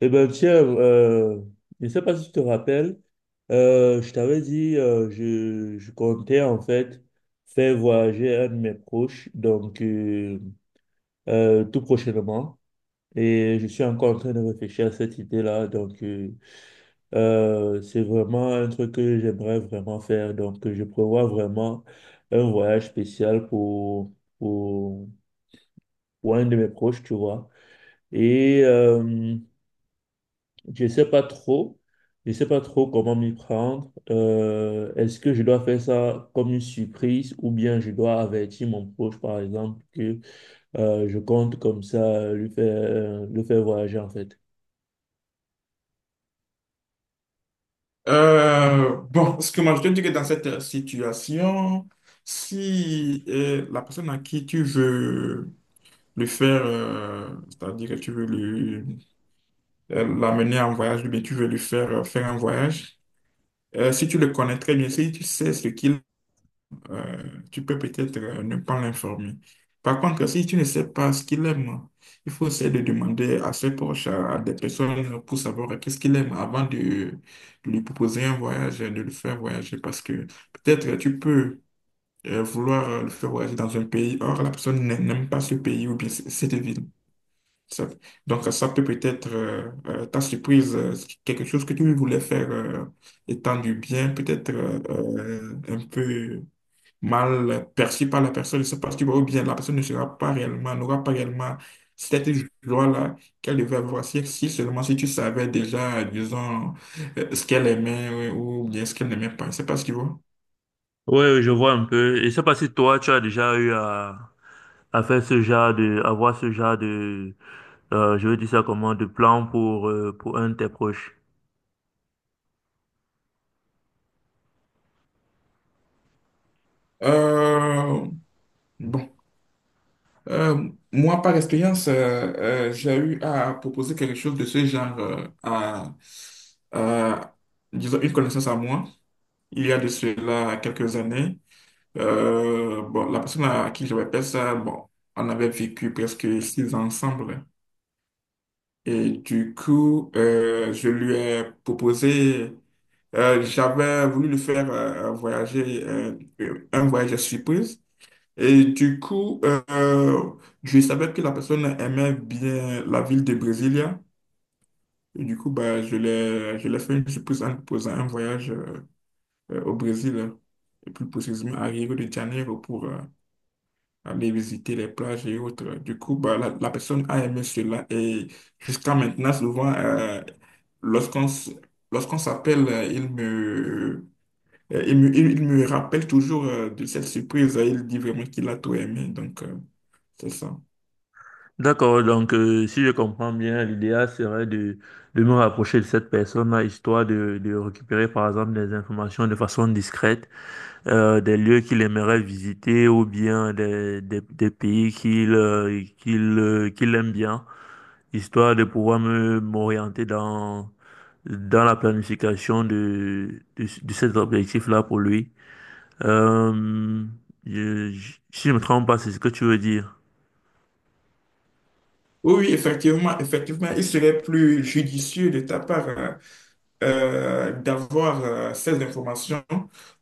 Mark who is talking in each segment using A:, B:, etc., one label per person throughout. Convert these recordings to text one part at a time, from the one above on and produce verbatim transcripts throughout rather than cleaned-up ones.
A: Eh ben tiens, euh, je ne sais pas si tu te rappelles, euh, je t'avais dit, euh, je, je comptais en fait faire voyager un de mes proches, donc euh, euh, tout prochainement. Et je suis encore en train de réfléchir à cette idée-là. Donc, euh, euh, c'est vraiment un truc que j'aimerais vraiment faire. Donc, euh, je prévois vraiment un voyage spécial pour, pour, pour un de mes proches, tu vois. Et euh, Je sais pas trop. Je sais pas trop comment m'y prendre. Euh, est-ce que je dois faire ça comme une surprise ou bien je dois avertir mon proche, par exemple, que euh, je compte comme ça lui faire, lui faire voyager en fait?
B: Euh, bon, ce que moi je te dis que dans cette situation, si euh, la personne à qui tu veux le faire, euh, c'est-à-dire que tu veux lui- euh, l'amener en voyage, ou bien tu veux lui faire euh, faire un voyage, euh, si tu le connais très bien, si tu sais ce qu'il euh, tu peux peut-être euh, ne pas l'informer. Par contre, si tu ne sais pas ce qu'il aime, il faut essayer de demander à ses proches, à, à des personnes pour savoir qu'est-ce qu'il aime avant de, de lui proposer un voyage, de le faire voyager. Parce que peut-être tu peux euh, vouloir euh, le faire voyager dans un pays, or la personne n'a- n'aime pas ce pays ou bien c- cette ville. Ça- donc ça peut peut-être euh, euh, ta surprise, euh, quelque chose que tu voulais faire euh, étant du bien, peut-être euh, euh, un peu mal perçu par la personne, c'est parce que ou bien la personne ne sera pas réellement, n'aura pas réellement cette joie-là qu'elle devait avoir si, si seulement si tu savais déjà, disons, euh, ce qu'elle aimait ouais, ou bien ce qu'elle n'aimait pas. C'est pas ce qu'il voit.
A: Oui, oui, je vois un peu. Et je sais pas si toi, tu as déjà eu à, à faire ce genre de, avoir ce genre de, euh, je veux dire ça comment, de plan pour, euh, pour un de tes proches.
B: Euh, bon. Euh, moi, par expérience, euh, euh, j'ai eu à proposer quelque chose de ce genre euh, à, à, disons, une connaissance à moi, il y a de cela quelques années. Euh, bon, la personne à qui je répète ça, bon, on avait vécu presque six ans ensemble. Et du coup, euh, je lui ai proposé, euh, j'avais voulu lui faire euh, voyager, euh, un voyage surprise. Et du coup, euh, je savais que la personne aimait bien la ville de Brasilia. Et du coup, bah, je l'ai, je l'ai fait une surprise en lui proposant un voyage euh, euh, au Brésil, et plus précisément à Rio de Janeiro pour, euh, aller visiter les plages et autres. Du coup, bah, la, la personne a aimé cela et jusqu'à maintenant, souvent, euh, lorsqu'on s- lorsqu'on s'appelle, euh, il me, euh, il me, il me rappelle toujours euh, de cette surprise. Il dit vraiment qu'il a tout aimé. Donc, euh, c'est ça.
A: D'accord, donc euh, si je comprends bien, l'idéal serait de, de me rapprocher de cette personne-là, histoire de, de récupérer par exemple des informations de façon discrète, euh, des lieux qu'il aimerait visiter ou bien des, des, des pays qu'il euh, qu'il euh, qu'il aime bien, histoire de pouvoir me m'orienter dans, dans la planification de, de, de cet objectif-là pour lui. Euh, je, je- Si je me trompe pas, c'est ce que tu veux dire.
B: Oui, oui, effectivement, effectivement, il serait plus judicieux de ta part hein, euh, d'avoir euh, ces informations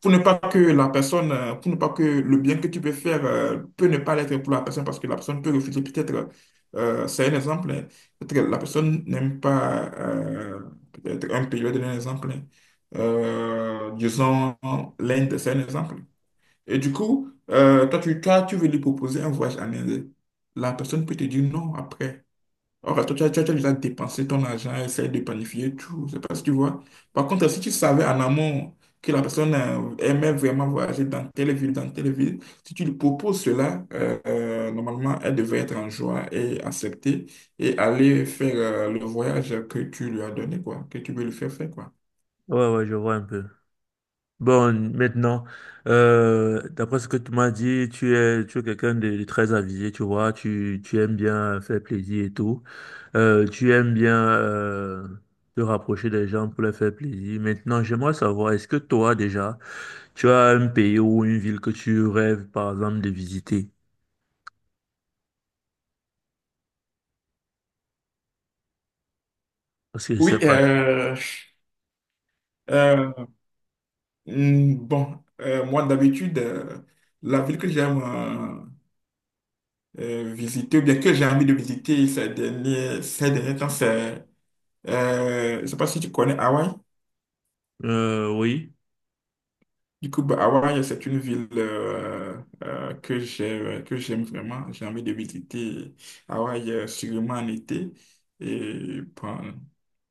B: pour ne pas que la personne, euh, pour ne pas que le bien que tu peux faire euh, peut ne pas l'être pour la personne parce que la personne peut refuser. Peut-être, euh, c'est un exemple, hein. Peut-être la personne n'aime pas euh, peut-être un pays, je vais donner un exemple. Hein. Euh, disons, l'Inde, c'est un exemple. Et du coup, euh, toi, tu, toi, tu veux lui proposer un voyage en Inde. La personne peut te dire non après. Alors, toi, tu as, tu as tu as déjà dépensé ton argent, essayer de planifier tout, c'est parce que tu vois. Par contre, si tu savais en amont que la personne euh, aimait vraiment voyager dans telle ville, dans telle ville, si tu lui proposes cela, euh, euh, normalement, elle devrait être en joie et accepter et aller faire euh, le voyage que tu lui as donné, quoi, que tu veux lui faire faire, quoi.
A: Ouais, ouais, je vois un peu. Bon, maintenant, euh, d'après ce que tu m'as dit, tu es, tu es quelqu'un de, de très avisé, tu vois, tu, tu aimes bien faire plaisir et tout. Euh, tu aimes bien euh, te rapprocher des gens pour leur faire plaisir. Maintenant, j'aimerais savoir, est-ce que toi déjà, tu as un pays ou une ville que tu rêves, par exemple, de visiter? Parce que je sais
B: Oui,
A: pas.
B: euh, euh, mm, bon, euh, moi d'habitude, euh, la ville que j'aime euh, visiter, ou bien que j'ai envie de visiter ces derniers, ces derniers temps, c'est, euh, je ne sais pas si tu connais Hawaï.
A: Euh, oui.
B: Du coup, bah, Hawaï, c'est une ville euh, euh, que j'ai, que j'aime vraiment. J'ai envie de visiter Hawaï euh, sûrement en été. Et bon,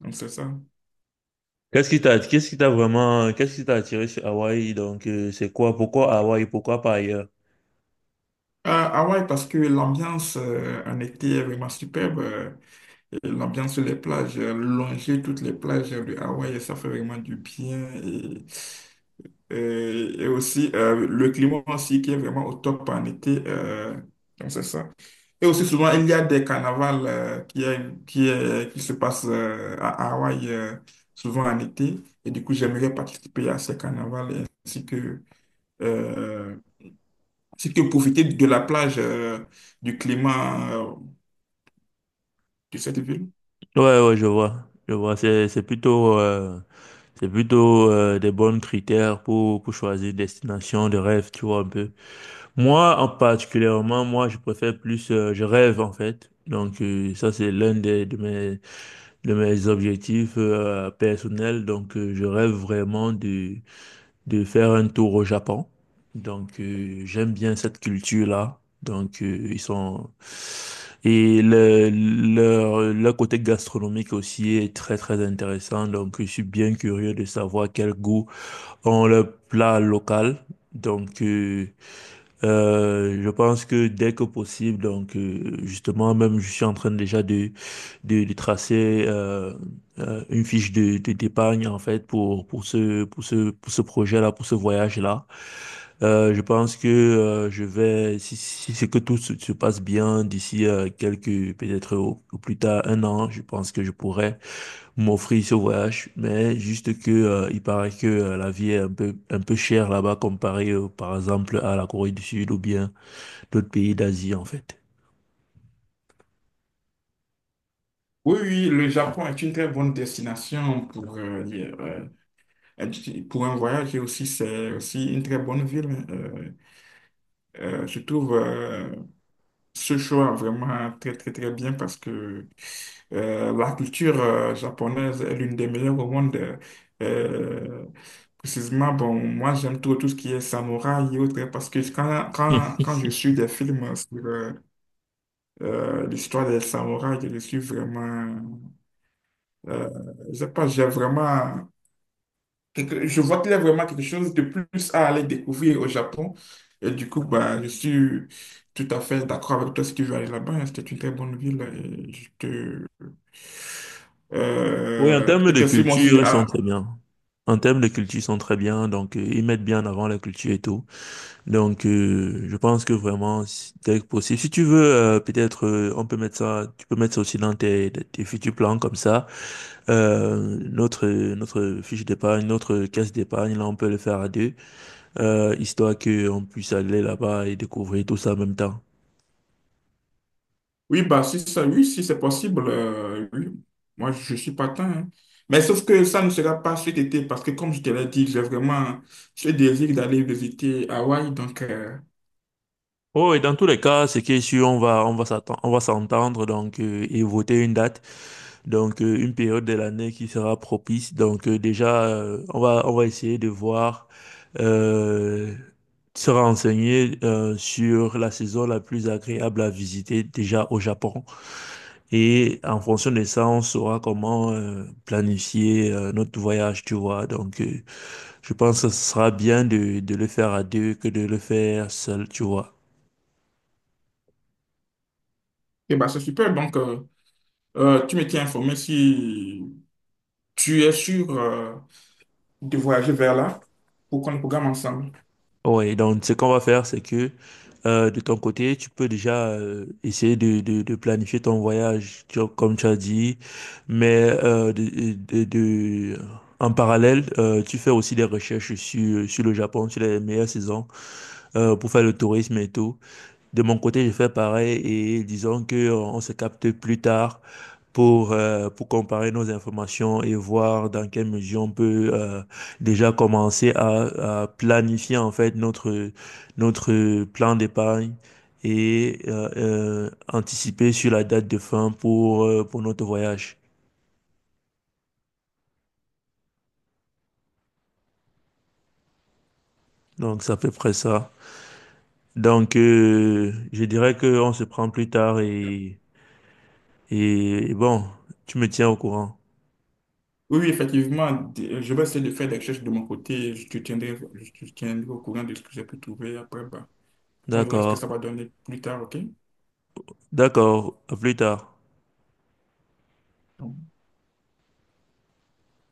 B: donc c'est ça.
A: Qu'est-ce qui t'a, qu'est-ce qui t'a vraiment, qu'est-ce qui t'a attiré sur Hawaï? Donc, euh, c'est quoi? Pourquoi Hawaï? Pourquoi pas ailleurs?
B: Euh, Hawaï, parce que l'ambiance euh, en été est vraiment superbe. Euh, et l'ambiance sur les plages, euh, longer toutes les plages de Hawaï, ça fait vraiment du bien. Et, et aussi, euh, le climat aussi qui est vraiment au top en été. Euh, donc, c'est ça. Et aussi, souvent, il y a des carnavals euh, qui, est- qui, est- qui se passent euh, à Hawaï, euh, souvent en été. Et du coup, j'aimerais participer à ces carnavals ainsi que, euh, ainsi que profiter de la plage, euh, du climat euh, de cette ville.
A: Ouais, ouais, je vois. Je vois. C'est, c'est plutôt, euh, c'est plutôt euh, des bons critères pour, pour choisir une destination de rêve, tu vois, un peu. Moi, en particulièrement, moi, je préfère plus, euh, je rêve, en fait. Donc, euh, ça, c'est l'un des, de mes, de mes objectifs euh, personnels. Donc, euh, je rêve vraiment de de faire un tour au Japon. Donc, euh, j'aime bien cette culture-là. Donc, euh, ils sont... Et le, leur, leur côté gastronomique aussi est très, très intéressant. Donc, je suis bien curieux de savoir quel goût ont leurs plats locaux. Donc, euh, euh, je pense que dès que possible, donc, euh, justement, même je suis en train déjà de de, de tracer euh, euh, une fiche de, de- d'épargne en fait pour pour ce pour ce pour ce projet-là, pour ce voyage-là. Euh, je pense que euh, je vais si si c'est que tout se, se passe bien d'ici euh, quelques peut-être au, au plus tard un an, je pense que je pourrais m'offrir ce voyage, mais juste que euh, il paraît que euh, la vie est un peu un peu chère là-bas comparée euh, par exemple à la Corée du Sud ou bien d'autres pays d'Asie en fait.
B: Oui, oui, le Japon est une très bonne destination pour, euh, y- euh, pour un voyage et aussi c'est aussi une très bonne ville. Hein, euh, Euh, je trouve euh, ce choix vraiment très très très bien parce que euh, la culture euh, japonaise est l'une des meilleures au monde. Euh, Précisément, bon, moi j'aime tout, tout ce qui est samouraï et autres parce que quand, quand, quand je suis des films sur euh, euh, l'histoire des samouraïs, je suis vraiment... Euh, je sais pas, j'ai vraiment quelque- je vois qu'il y a vraiment quelque chose de plus à aller découvrir au Japon. Et du coup, bah, je suis tout à fait d'accord avec toi si tu veux aller là-bas. Hein. C'était une très bonne ville. Et je te...
A: Oui, en
B: Euh,
A: termes
B: peut-être
A: de
B: que si moi aussi...
A: culture, ils sont
B: ah,
A: très bien. En termes de culture, ils sont très bien. Donc, euh, ils mettent bien en avant la culture et tout. Donc, euh, je pense que vraiment, si- dès que possible, si tu veux, euh, peut-être, euh, on peut mettre ça, tu peux mettre ça aussi dans tes, tes futurs plans comme ça. Euh, notre, notre fiche d'épargne, notre caisse d'épargne, là, on peut le faire à deux, euh, histoire qu'on puisse aller là-bas et découvrir tout ça en même temps.
B: oui, bah, si ça, oui, si c'est possible, euh, oui. Moi, je suis partant. Hein. Mais sauf que ça ne sera pas cet été parce que, comme je te l'ai dit, j'ai vraiment ce désir d'aller visiter Hawaï. Donc, euh,
A: Oh, et dans tous les cas, c'est que si on va, on va s'attendre, on va s'entendre, donc, euh, et voter une date. Donc, euh, une période de l'année qui sera propice. Donc, euh, déjà, euh, on va, on va essayer de voir, euh, se renseigner euh, sur la saison la plus agréable à visiter déjà au Japon. Et en fonction de ça, on saura comment euh, planifier euh, notre voyage, tu vois. Donc, euh, je pense que ce sera bien de, de le faire à deux que de le faire seul, tu vois.
B: et bah, c'est super. Donc, euh, euh, tu me tiens informé si tu es sûr, euh, de voyager vers là pour qu'on programme ensemble?
A: Oui, donc ce qu'on va faire, c'est que euh, de ton côté, tu peux déjà euh, essayer de, de, de planifier ton voyage, tu vois, comme tu as dit, mais euh, de, de, de- en parallèle, euh, tu fais aussi des recherches sur, sur le Japon, sur les meilleures saisons euh, pour faire le tourisme et tout. De mon côté, je fais pareil et disons que euh, on se capte plus tard pour, euh, pour comparer nos informations et voir dans quelle mesure on peut euh, déjà commencer à, à planifier en fait notre, notre plan d'épargne et euh, euh, anticiper sur la date de fin pour, euh, pour notre voyage. Donc, c'est à peu près ça. Donc, euh, je dirais qu'on se prend plus tard et, et bon, tu me tiens au courant.
B: Oui, oui, effectivement, d- je vais essayer de faire des recherches de mon côté. Je te tiendrai, je te tiendrai au courant de ce que j'ai pu trouver après. Bah, on verra ce que ça
A: D'accord.
B: va donner plus tard, OK?
A: D'accord. À plus tard.